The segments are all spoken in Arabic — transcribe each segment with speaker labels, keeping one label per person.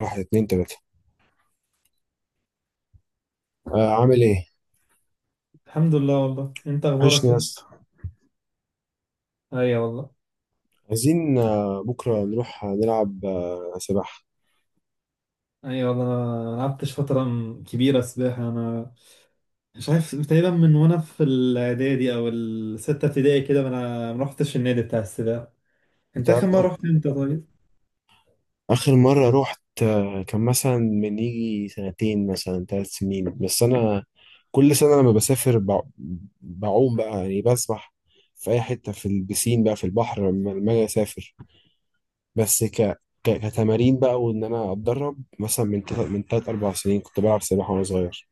Speaker 1: واحد اتنين تلاتة. آه، عامل ايه؟
Speaker 2: الحمد لله. والله انت
Speaker 1: وحشني
Speaker 2: اخبارك
Speaker 1: يا
Speaker 2: ايه؟
Speaker 1: اسطى.
Speaker 2: ايوه والله.
Speaker 1: عايزين بكرة نروح، نلعب سباحة.
Speaker 2: ايوه والله، انا لعبتش فتره كبيره سباحه، انا مش عارف. تقريبا من وانا في الاعدادي او السته ابتدائي كده، ما انا ما رحتش النادي بتاع السباحه.
Speaker 1: انت
Speaker 2: انت اخر
Speaker 1: عارف.
Speaker 2: مره رحت امتى؟ طيب.
Speaker 1: آخر مرة روحت كان مثلا من يجي سنتين، مثلا 3 سنين. بس أنا كل سنة لما بسافر بعوم بقى، يعني بسبح في أي حتة في البسين، بقى في البحر، لما أجي أسافر. بس كتمارين بقى، وإن أنا أتدرب مثلا من تلات أربع سنين. كنت بلعب سباحة وأنا صغير.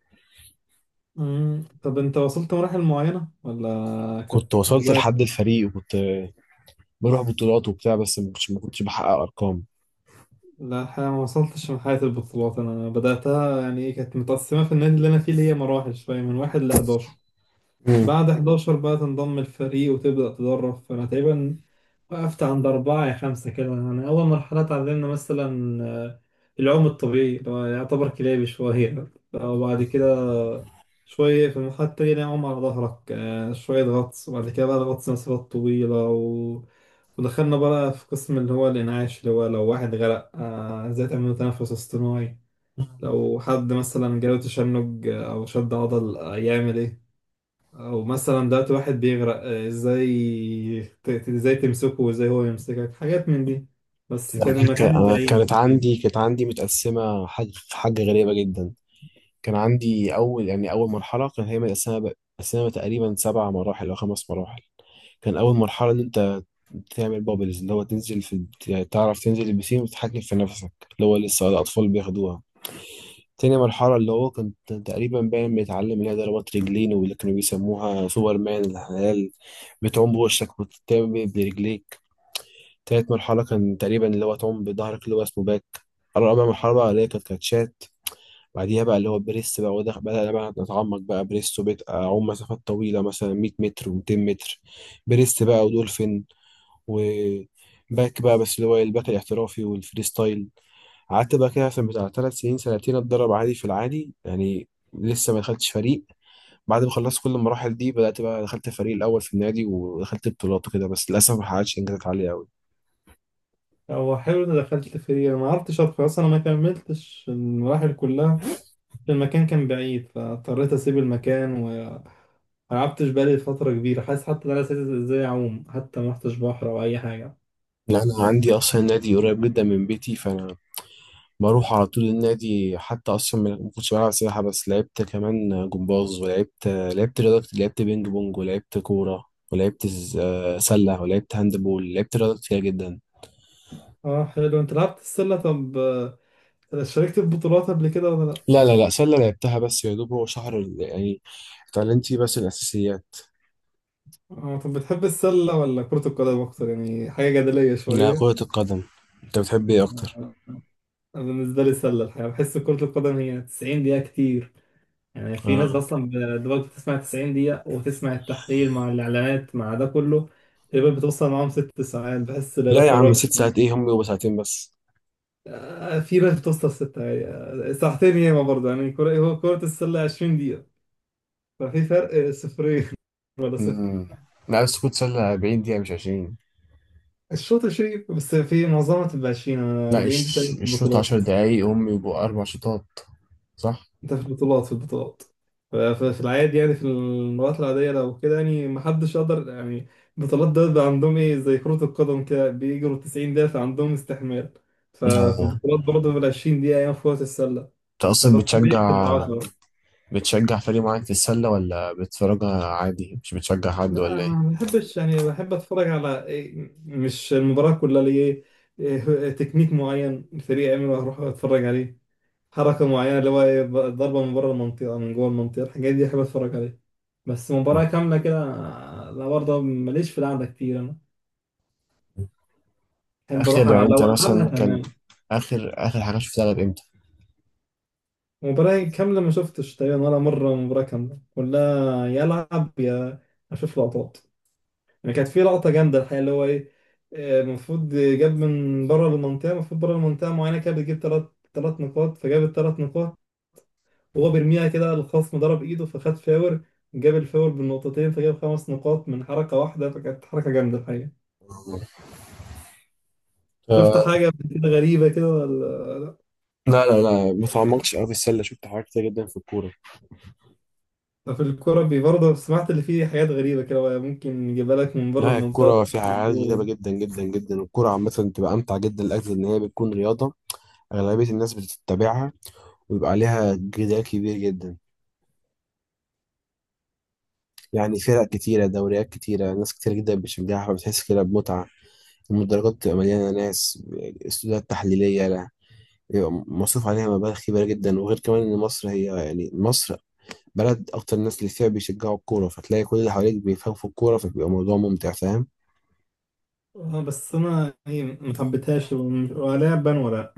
Speaker 2: طب انت وصلت مراحل معينه ولا كانت
Speaker 1: كنت وصلت
Speaker 2: هوايه؟
Speaker 1: لحد الفريق، وكنت بروح بطولات وبتاع، بس ما كنتش بحقق ارقام.
Speaker 2: لا الحقيقه ما وصلتش. من حياه البطولات انا بداتها، يعني ايه، كانت متقسمه في النادي اللي انا فيه، اللي هي مراحل شويه من واحد ل 11.
Speaker 1: امم.
Speaker 2: بعد 11 بقى تنضم الفريق وتبدأ تدرب، فأنا تقريبا وقفت عند أربعة يا خمسة كده. يعني أول مرحلة اتعلمنا مثلا العوم الطبيعي، اللي هو يعتبر كلابي شوية. وبعد كده شوية في المرحلة التانية اللي هي عوم على ظهرك، شوية غطس. وبعد كده بقى الغطس مسافات طويلة ودخلنا بقى في قسم اللي هو الإنعاش، اللي هو لو واحد غرق إزاي تعمل له تنفس اصطناعي، لو حد مثلا جاله تشنج أو شد عضل يعمل إيه، او مثلا دلوقتي واحد بيغرق ازاي ازاي تمسكه، وازاي هو يمسكك، حاجات من دي. بس كان المكان
Speaker 1: أنا كانت
Speaker 2: بعيد بعيد.
Speaker 1: عندي كانت عندي متقسمه، حاجه غريبه جدا. كان عندي اول، يعني اول مرحله كان هي متقسمه تقريبا 7 مراحل او 5 مراحل. كان اول مرحله ان انت تعمل بابلز، اللي هو تنزل في، يعني تعرف تنزل البسين وتتحكم في نفسك، اللي هو لسه الاطفال بياخدوها. تاني مرحلة، اللي هو كنت تقريبا باين بيتعلم، اللي هي ضربات رجلين، واللي كانوا بيسموها سوبرمان الحلال. بتعوم بوشك وتتعمل برجليك. تالت مرحلة كان تقريبا اللي هو تعوم بظهرك، اللي هو اسمه باك. رابع مرحلة بقى، اللي هي كانت كاتشات. بعديها بقى اللي هو بريس بقى. وده بدأ بقى نتعمق بقى بريس، وبقيت أعوم مسافات طويلة مثلا 100 متر و200 متر بريس بقى، ودولفين، وباك بقى، بس اللي هو الباك الاحترافي والفريستايل. قعدت بقى كده مثلا بتاع 3 سنين، سنتين أتدرب عادي في العادي، يعني لسه ما دخلتش فريق. بعد ما خلصت كل المراحل دي بدأت بقى دخلت الفريق الأول في النادي، ودخلت بطولات وكده. بس للأسف ما حققتش إنجازات عالية أوي.
Speaker 2: هو حلو اني دخلت فيه، انا ما عرفتش ادخل اصلا، انا ما كملتش المراحل كلها. المكان كان بعيد فاضطريت اسيب المكان، وما لعبتش بالي فترة كبيرة. حاسس حتى ان انا نسيت ازاي اعوم، حتى ما رحتش بحر او اي حاجة.
Speaker 1: لا، انا عندي اصلا نادي قريب جدا من بيتي. فانا بروح على طول النادي. حتى اصلا ما كنتش بلعب سباحه، بس لعبت كمان جمباز، ولعبت رياضه كتير، لعبت بينج بونج، ولعبت كوره، ولعبت سله، ولعبت هاند بول، لعبت رياضه كتير جدا.
Speaker 2: اه حلو. انت لعبت السلة، طب شاركت في بطولات قبل كده ولا لا؟
Speaker 1: لا لا لا، سله لعبتها بس يا دوب هو يعني اتعلمت فيه بس الاساسيات.
Speaker 2: اه طب بتحب السلة ولا كرة القدم أكتر؟ يعني حاجة جدلية
Speaker 1: لا، كره
Speaker 2: شوية.
Speaker 1: القدم. انت بتحب ايه اكتر؟
Speaker 2: أنا بالنسبة لي السلة. الحقيقة بحس كرة القدم هي 90 دقيقة كتير، يعني في ناس
Speaker 1: اه.
Speaker 2: أصلا دلوقتي بتسمع 90 دقيقة وتسمع التحليل مع الإعلانات مع ده كله، تقريبا بتوصل معاهم 6 ساعات. بحس إن ده
Speaker 1: لا يا عم،
Speaker 2: فراغ
Speaker 1: 6 ساعات
Speaker 2: شوية.
Speaker 1: ايه؟ هم بيبقوا 2 ساعات بس.
Speaker 2: في ناس بتوصل ستة يعني، ساعتين ياما برضه. يعني كرة، هو كرة السلة 20 دقيقة، ففي فرق صفرين ولا صفر.
Speaker 1: امم. لا بس كنت سله 40 دقيقه مش 20.
Speaker 2: الشوط 20، بس في معظمها تبقى 20. أنا
Speaker 1: لا،
Speaker 2: 40 دي
Speaker 1: مش
Speaker 2: تقريبا في
Speaker 1: مش شوط عشر
Speaker 2: البطولات.
Speaker 1: دقايق هم يبقوا 4 شوطات، صح؟
Speaker 2: ده في البطولات، في العادي، يعني في المرات العادية لو كده، يعني محدش يقدر يعني. البطولات ده بيبقى عندهم ايه، زي كرة القدم كده بيجروا 90 دقيقة، فعندهم استحمال. ففي
Speaker 1: آه.
Speaker 2: البطولات برضه بال 20 دقيقة أيام في كرة السلة.
Speaker 1: انت اصلا
Speaker 2: ففي الطبيعي بتبقى بتحب
Speaker 1: بتشجع
Speaker 2: 10.
Speaker 1: بتشجع فريق معين في السلة؟ ولا بتتفرجها عادي، مش بتشجع حد
Speaker 2: لا أنا
Speaker 1: ولا ايه؟
Speaker 2: ما بحبش. يعني بحب أتفرج على إيه، مش المباراة كلها، ليه؟ إيه تكنيك معين الفريق يعمله، هروح أتفرج عليه. حركة معينة اللي هو إيه، ضربة من بره المنطقة، من جوه المنطقة، الحاجات دي أحب أتفرج عليها. بس
Speaker 1: مم.
Speaker 2: مباراة كاملة كده لا. برضه ماليش في القعدة كتير أنا. أحب أروح
Speaker 1: اخر، يعني
Speaker 2: على
Speaker 1: انت
Speaker 2: لو ألعبها
Speaker 1: مثلا كان،
Speaker 2: تمام.
Speaker 1: اخر حاجة شفتها لعب امتى؟
Speaker 2: مباراة كاملة ما شفتش تقريبا ولا مرة مباراة كاملة كلها يلعب. يا أشوف لقطات. يعني كانت في لقطة جامدة الحقيقة، اللي هو إيه، المفروض جاب من بره المنطقة، المفروض بره المنطقة معينة كده بتجيب تلات نقاط، فجاب التلات نقاط. هو بيرميها كده، الخصم ضرب ايده فخد فاور. جاب الفاور بالنقطتين فجاب 5 نقاط من حركة واحدة، فكانت حركة جامدة الحقيقة. شفت
Speaker 1: آه.
Speaker 2: حاجة قبل كده غريبة كده ولا؟
Speaker 1: لا لا لا، ما تعمقتش قوي في السله، شفت حاجات كتير جدا في الكوره.
Speaker 2: لا في الكورة برضه سمعت اللي فيه حاجات غريبة كده، ممكن يجيبها لك من بره
Speaker 1: لا،
Speaker 2: المنطقة
Speaker 1: الكوره
Speaker 2: مش
Speaker 1: فيها
Speaker 2: في
Speaker 1: عادي جذابه
Speaker 2: الجول.
Speaker 1: جدا جدا جدا، والكوره عامه بتبقى امتع جدا لاجل ان هي بتكون رياضه اغلبيه الناس بتتبعها، ويبقى عليها جدال كبير جدا. يعني فرق كتيرة، دوريات كتيرة، ناس كتير جدا بتشجعها، فبتحس كده بمتعة. المدرجات بتبقى مليانة ناس، استوديوهات تحليلية. لا، بيبقى مصروف عليها مبالغ كبيرة جدا، وغير كمان إن مصر هي، يعني مصر بلد أكتر الناس اللي فيها بيشجعوا الكورة، فتلاقي كل اللي حواليك بيفهموا في الكورة، فبيبقى موضوع ممتع. فاهم؟
Speaker 2: اه بس انا يعني ما حبيتهاش، ولا بان ولا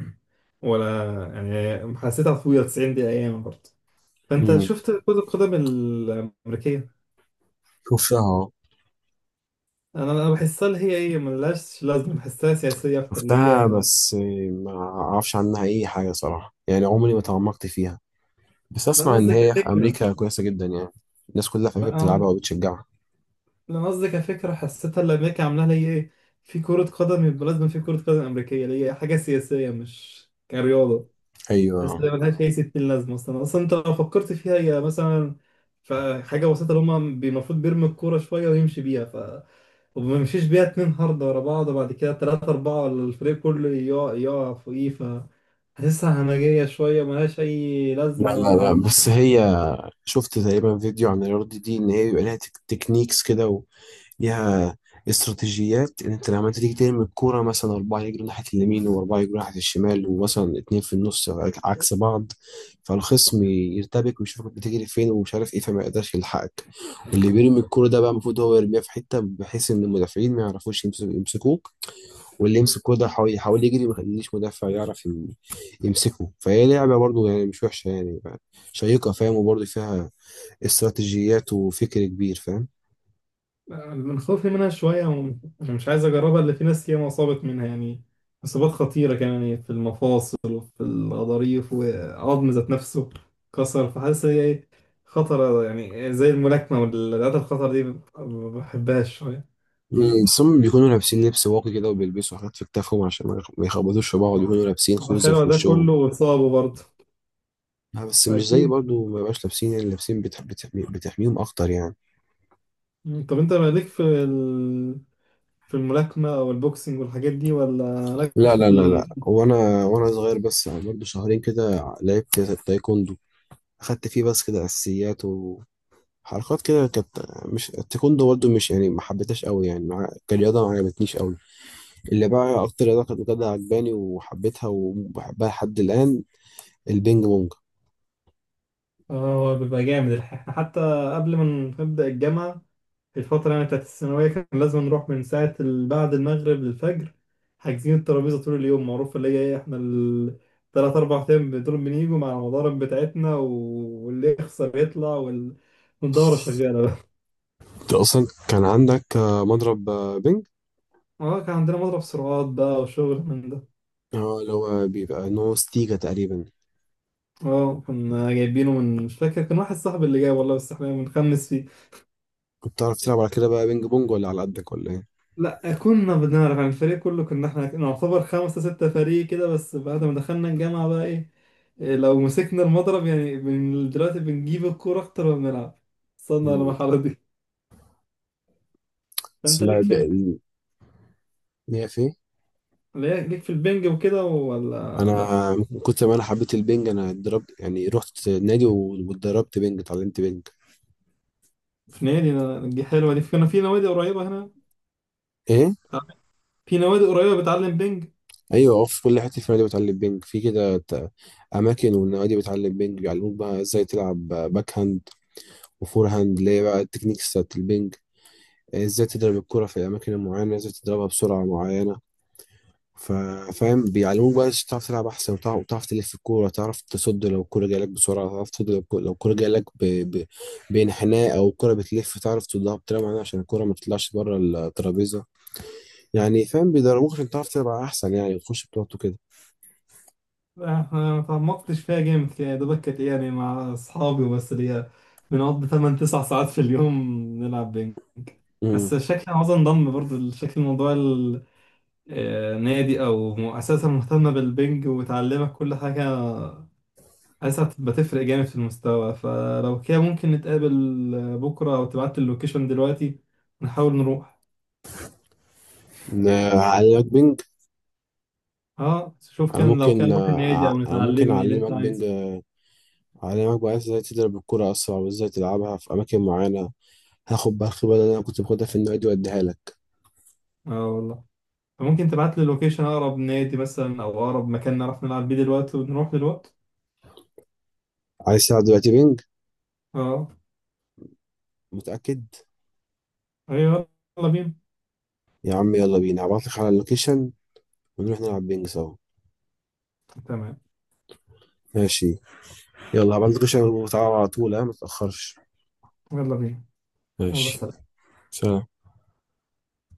Speaker 2: ولا يعني حسيتها طويلة 90 دقيقة ايام برضه. فانت
Speaker 1: مم.
Speaker 2: شفت كرة القدم الأمريكية؟
Speaker 1: شفتها آه.
Speaker 2: انا بحسها اللي هي ايه، ملهاش لازمه، بحسها سياسيه اكتر اللي هي.
Speaker 1: شفتها بس، ما أعرفش عنها أي حاجة صراحة، يعني عمري ما تعمقت فيها. بس
Speaker 2: لا أنا
Speaker 1: أسمع إن
Speaker 2: قصدي
Speaker 1: هي في
Speaker 2: كفكرة.
Speaker 1: أمريكا كويسة جدا يعني. الناس كلها في
Speaker 2: لا
Speaker 1: أمريكا بتلعبها
Speaker 2: أنا
Speaker 1: وبتشجعها.
Speaker 2: لا أنا قصدي كفكرة، حسيتها اللي أمريكا عاملاها ليه إيه، في كرة قدم يبقى لازم في كرة قدم أمريكية ليه، حاجة سياسية مش كرياضة. حاسس
Speaker 1: أيوه.
Speaker 2: إن ملهاش أي ستين لازمة أصلا. أصلا أنت لو فكرت فيها، هي مثلا في حاجة بسيطة اللي هما المفروض بيرمي الكورة شوية ويمشي بيها، وما يمشيش بيها اتنين هاردة ورا بعض، وبعد كده تلاتة أربعة ولا الفريق كله يقع يقع فوقيه. حاسسها همجية شوية، ملهاش أي
Speaker 1: لا
Speaker 2: لازمة
Speaker 1: لا لا،
Speaker 2: ولا.
Speaker 1: بس هي شفت تقريبا فيديو عن الرياضة دي، ان هي بيبقى لها تكنيكس كده، وليها استراتيجيات، ان انت لما انت تيجي ترمي الكورة مثلا، 4 يجروا ناحية اليمين، وأربعة يجروا ناحية الشمال، ومثلا 2 في النص عكس بعض. فالخصم يرتبك، ويشوفك بتجري فين ومش عارف ايه، فما يقدرش يلحقك. واللي بيرمي الكورة ده بقى المفروض هو يرميها في حتة بحيث ان المدافعين ما يعرفوش يمسكوه. واللي يمسك كورة يحاول يجري ما يخليش مدافع يعرف يمسكه. فهي لعبة برضه، يعني مش وحشة، يعني شيقة. فاهم؟ وبرضه فيها استراتيجيات وفكر كبير، فاهم؟
Speaker 2: من خوفي منها شوية أنا مش عايز أجربها. اللي في ناس ياما أصابت منها، يعني إصابات خطيرة كمان، يعني في المفاصل وفي الغضاريف وعظم ذات نفسه كسر. فحاسس هي إيه، خطرة يعني، زي الملاكمة والرياضات الخطر دي، ما بحبهاش شوية.
Speaker 1: ثم بيكونوا لابسين لبس واقي كده، وبيلبسوا حاجات في كتافهم عشان ما يخبطوش في بعض. بيكونوا لابسين خوذة في
Speaker 2: تخيل ده
Speaker 1: وشهم.
Speaker 2: كله وإصابه برضه،
Speaker 1: بس مش زي
Speaker 2: فأكيد.
Speaker 1: برضه. ما بقاش لابسين، يعني لابسين بتحميهم أكتر يعني.
Speaker 2: طب أنت مالك في في الملاكمة أو البوكسينج والحاجات دي، ولا
Speaker 1: لا
Speaker 2: مالكش في
Speaker 1: لا لا لا، وأنا صغير بس برضه 2 شهور كده لعبت تايكوندو. أخدت فيه بس كده أساسيات و... حركات كده كانت. مش التايكوندو برضه، مش يعني ما حبيتهاش قوي يعني، مع... كرياضة ما عجبتنيش قوي. اللي بقى أكتر رياضة كانت بجد عجباني وحبيتها وبحبها لحد الآن، البينج بونج.
Speaker 2: آه هو بيبقى جامد الحقيقة. حتى قبل ما نبدأ الجامعة، الفترة يعني بتاعت الثانوية، كان لازم نروح من ساعة بعد المغرب للفجر، حاجزين الترابيزة طول اليوم، معروف. اللي هي ايه، احنا التلات أربع أيام دول بنيجوا مع المضارب بتاعتنا واللي يخسر يطلع والدورة شغالة بقى.
Speaker 1: أنت أصلا كان عندك مضرب بينج؟
Speaker 2: اه كان عندنا مضرب سرعات بقى وشغل من ده.
Speaker 1: اه، اللي هو بيبقى نو ستيجا تقريبا.
Speaker 2: اه كنا جايبينه من، مش فاكر، كان واحد صاحبي اللي جاي والله، بس احنا بنخمس فيه.
Speaker 1: كنت بتعرف تلعب على كده بقى بينج بونج؟ ولا على قدك ولا إيه؟
Speaker 2: لا كنا بنعرف يعني. الفريق كله كنا احنا نعتبر خمسة ستة فريق كده. بس بعد ما دخلنا الجامعة بقى ايه، لو مسكنا المضرب يعني من دلوقتي بنجيب الكورة أكتر ما بنلعب. وصلنا
Speaker 1: مم.
Speaker 2: للمرحلة دي.
Speaker 1: بس
Speaker 2: فأنت
Speaker 1: لا
Speaker 2: ليك في
Speaker 1: ليا في إيه؟
Speaker 2: ليك في البنج وكده ولا لأ؟
Speaker 1: أنا من كتر ما أنا حبيت البينج، أنا اتدربت يعني، رحت نادي واتدربت بينج، اتعلمت بينج.
Speaker 2: في نادي، دي حلوة. دي كنا في نوادي قريبة هنا،
Speaker 1: إيه؟
Speaker 2: في نوادي قريبة بتعلم بنج.
Speaker 1: ايوه اه، في كل حته في النادي بتعلم بينج، في كده اماكن، والنوادي بتعلم بينج، بيعلموك بقى ازاي تلعب باك هاند وفور هاند، اللي هي بقى التكنيكس بتاعت البينج، ازاي تضرب الكره في الاماكن المعينه، ازاي تضربها بسرعه معينه. ف- فاهم؟ بيعلموك بقى ازاي تعرف تلعب احسن، وتعرف تلف الكوره، تعرف تصد لو الكوره جايه لك بسرعه، تعرف تصد لو الكوره جايه لك ب... بانحناء، او الكوره بتلف تعرف تصدها بطريقه معينه عشان الكوره ما تطلعش بره الترابيزه، يعني. فاهم؟ بيدربوك عشان تعرف تلعب احسن يعني، وتخش بطولات وكده.
Speaker 2: احنا ما تعمقتش فيها جامد، يعني دوبك كانت إيه، يعني مع اصحابي وبس، اللي هي بنقضي 8 9 ساعات في اليوم نلعب بينج.
Speaker 1: امم.
Speaker 2: بس شكل عاوز انضم برضو شكل موضوع النادي او مؤسسه مهتمه بالبنج وتعلمك كل حاجه. حاسسها بتبقى تفرق جامد في المستوى، فلو كده ممكن نتقابل بكره، او تبعت اللوكيشن دلوقتي نحاول نروح.
Speaker 1: أعلمك بينج.
Speaker 2: اه شوف،
Speaker 1: أنا
Speaker 2: لو كان
Speaker 1: ممكن
Speaker 2: نروح النادي
Speaker 1: آه، أع-
Speaker 2: او
Speaker 1: أنا ممكن
Speaker 2: نتعلمني اللي انت
Speaker 1: أعلمك بينج،
Speaker 2: عايزه.
Speaker 1: أعلمك بقى إزاي تضرب الكرة أسرع، وإزاي تلعبها في أماكن معينة. هاخد بقى الخبرة اللي أنا كنت باخدها في النادي وأديها لك.
Speaker 2: اه والله. فممكن تبعت لي لوكيشن اقرب نادي مثلا او اقرب مكان نعرف نلعب بيه دلوقتي، ونروح دلوقتي.
Speaker 1: عايز تلعب دلوقتي بينج؟
Speaker 2: اه.
Speaker 1: متأكد؟
Speaker 2: ايوه. يلا بينا.
Speaker 1: يا عم يلا بينا، هبعتلك على اللوكيشن، ونروح نلعب بينج سوا.
Speaker 2: تمام.
Speaker 1: ماشي. يلا هبعتلك اللوكيشن وتعالى على طول، ها متأخرش.
Speaker 2: يلا بينا. يلا
Speaker 1: ماشي.
Speaker 2: سلام.
Speaker 1: سلام.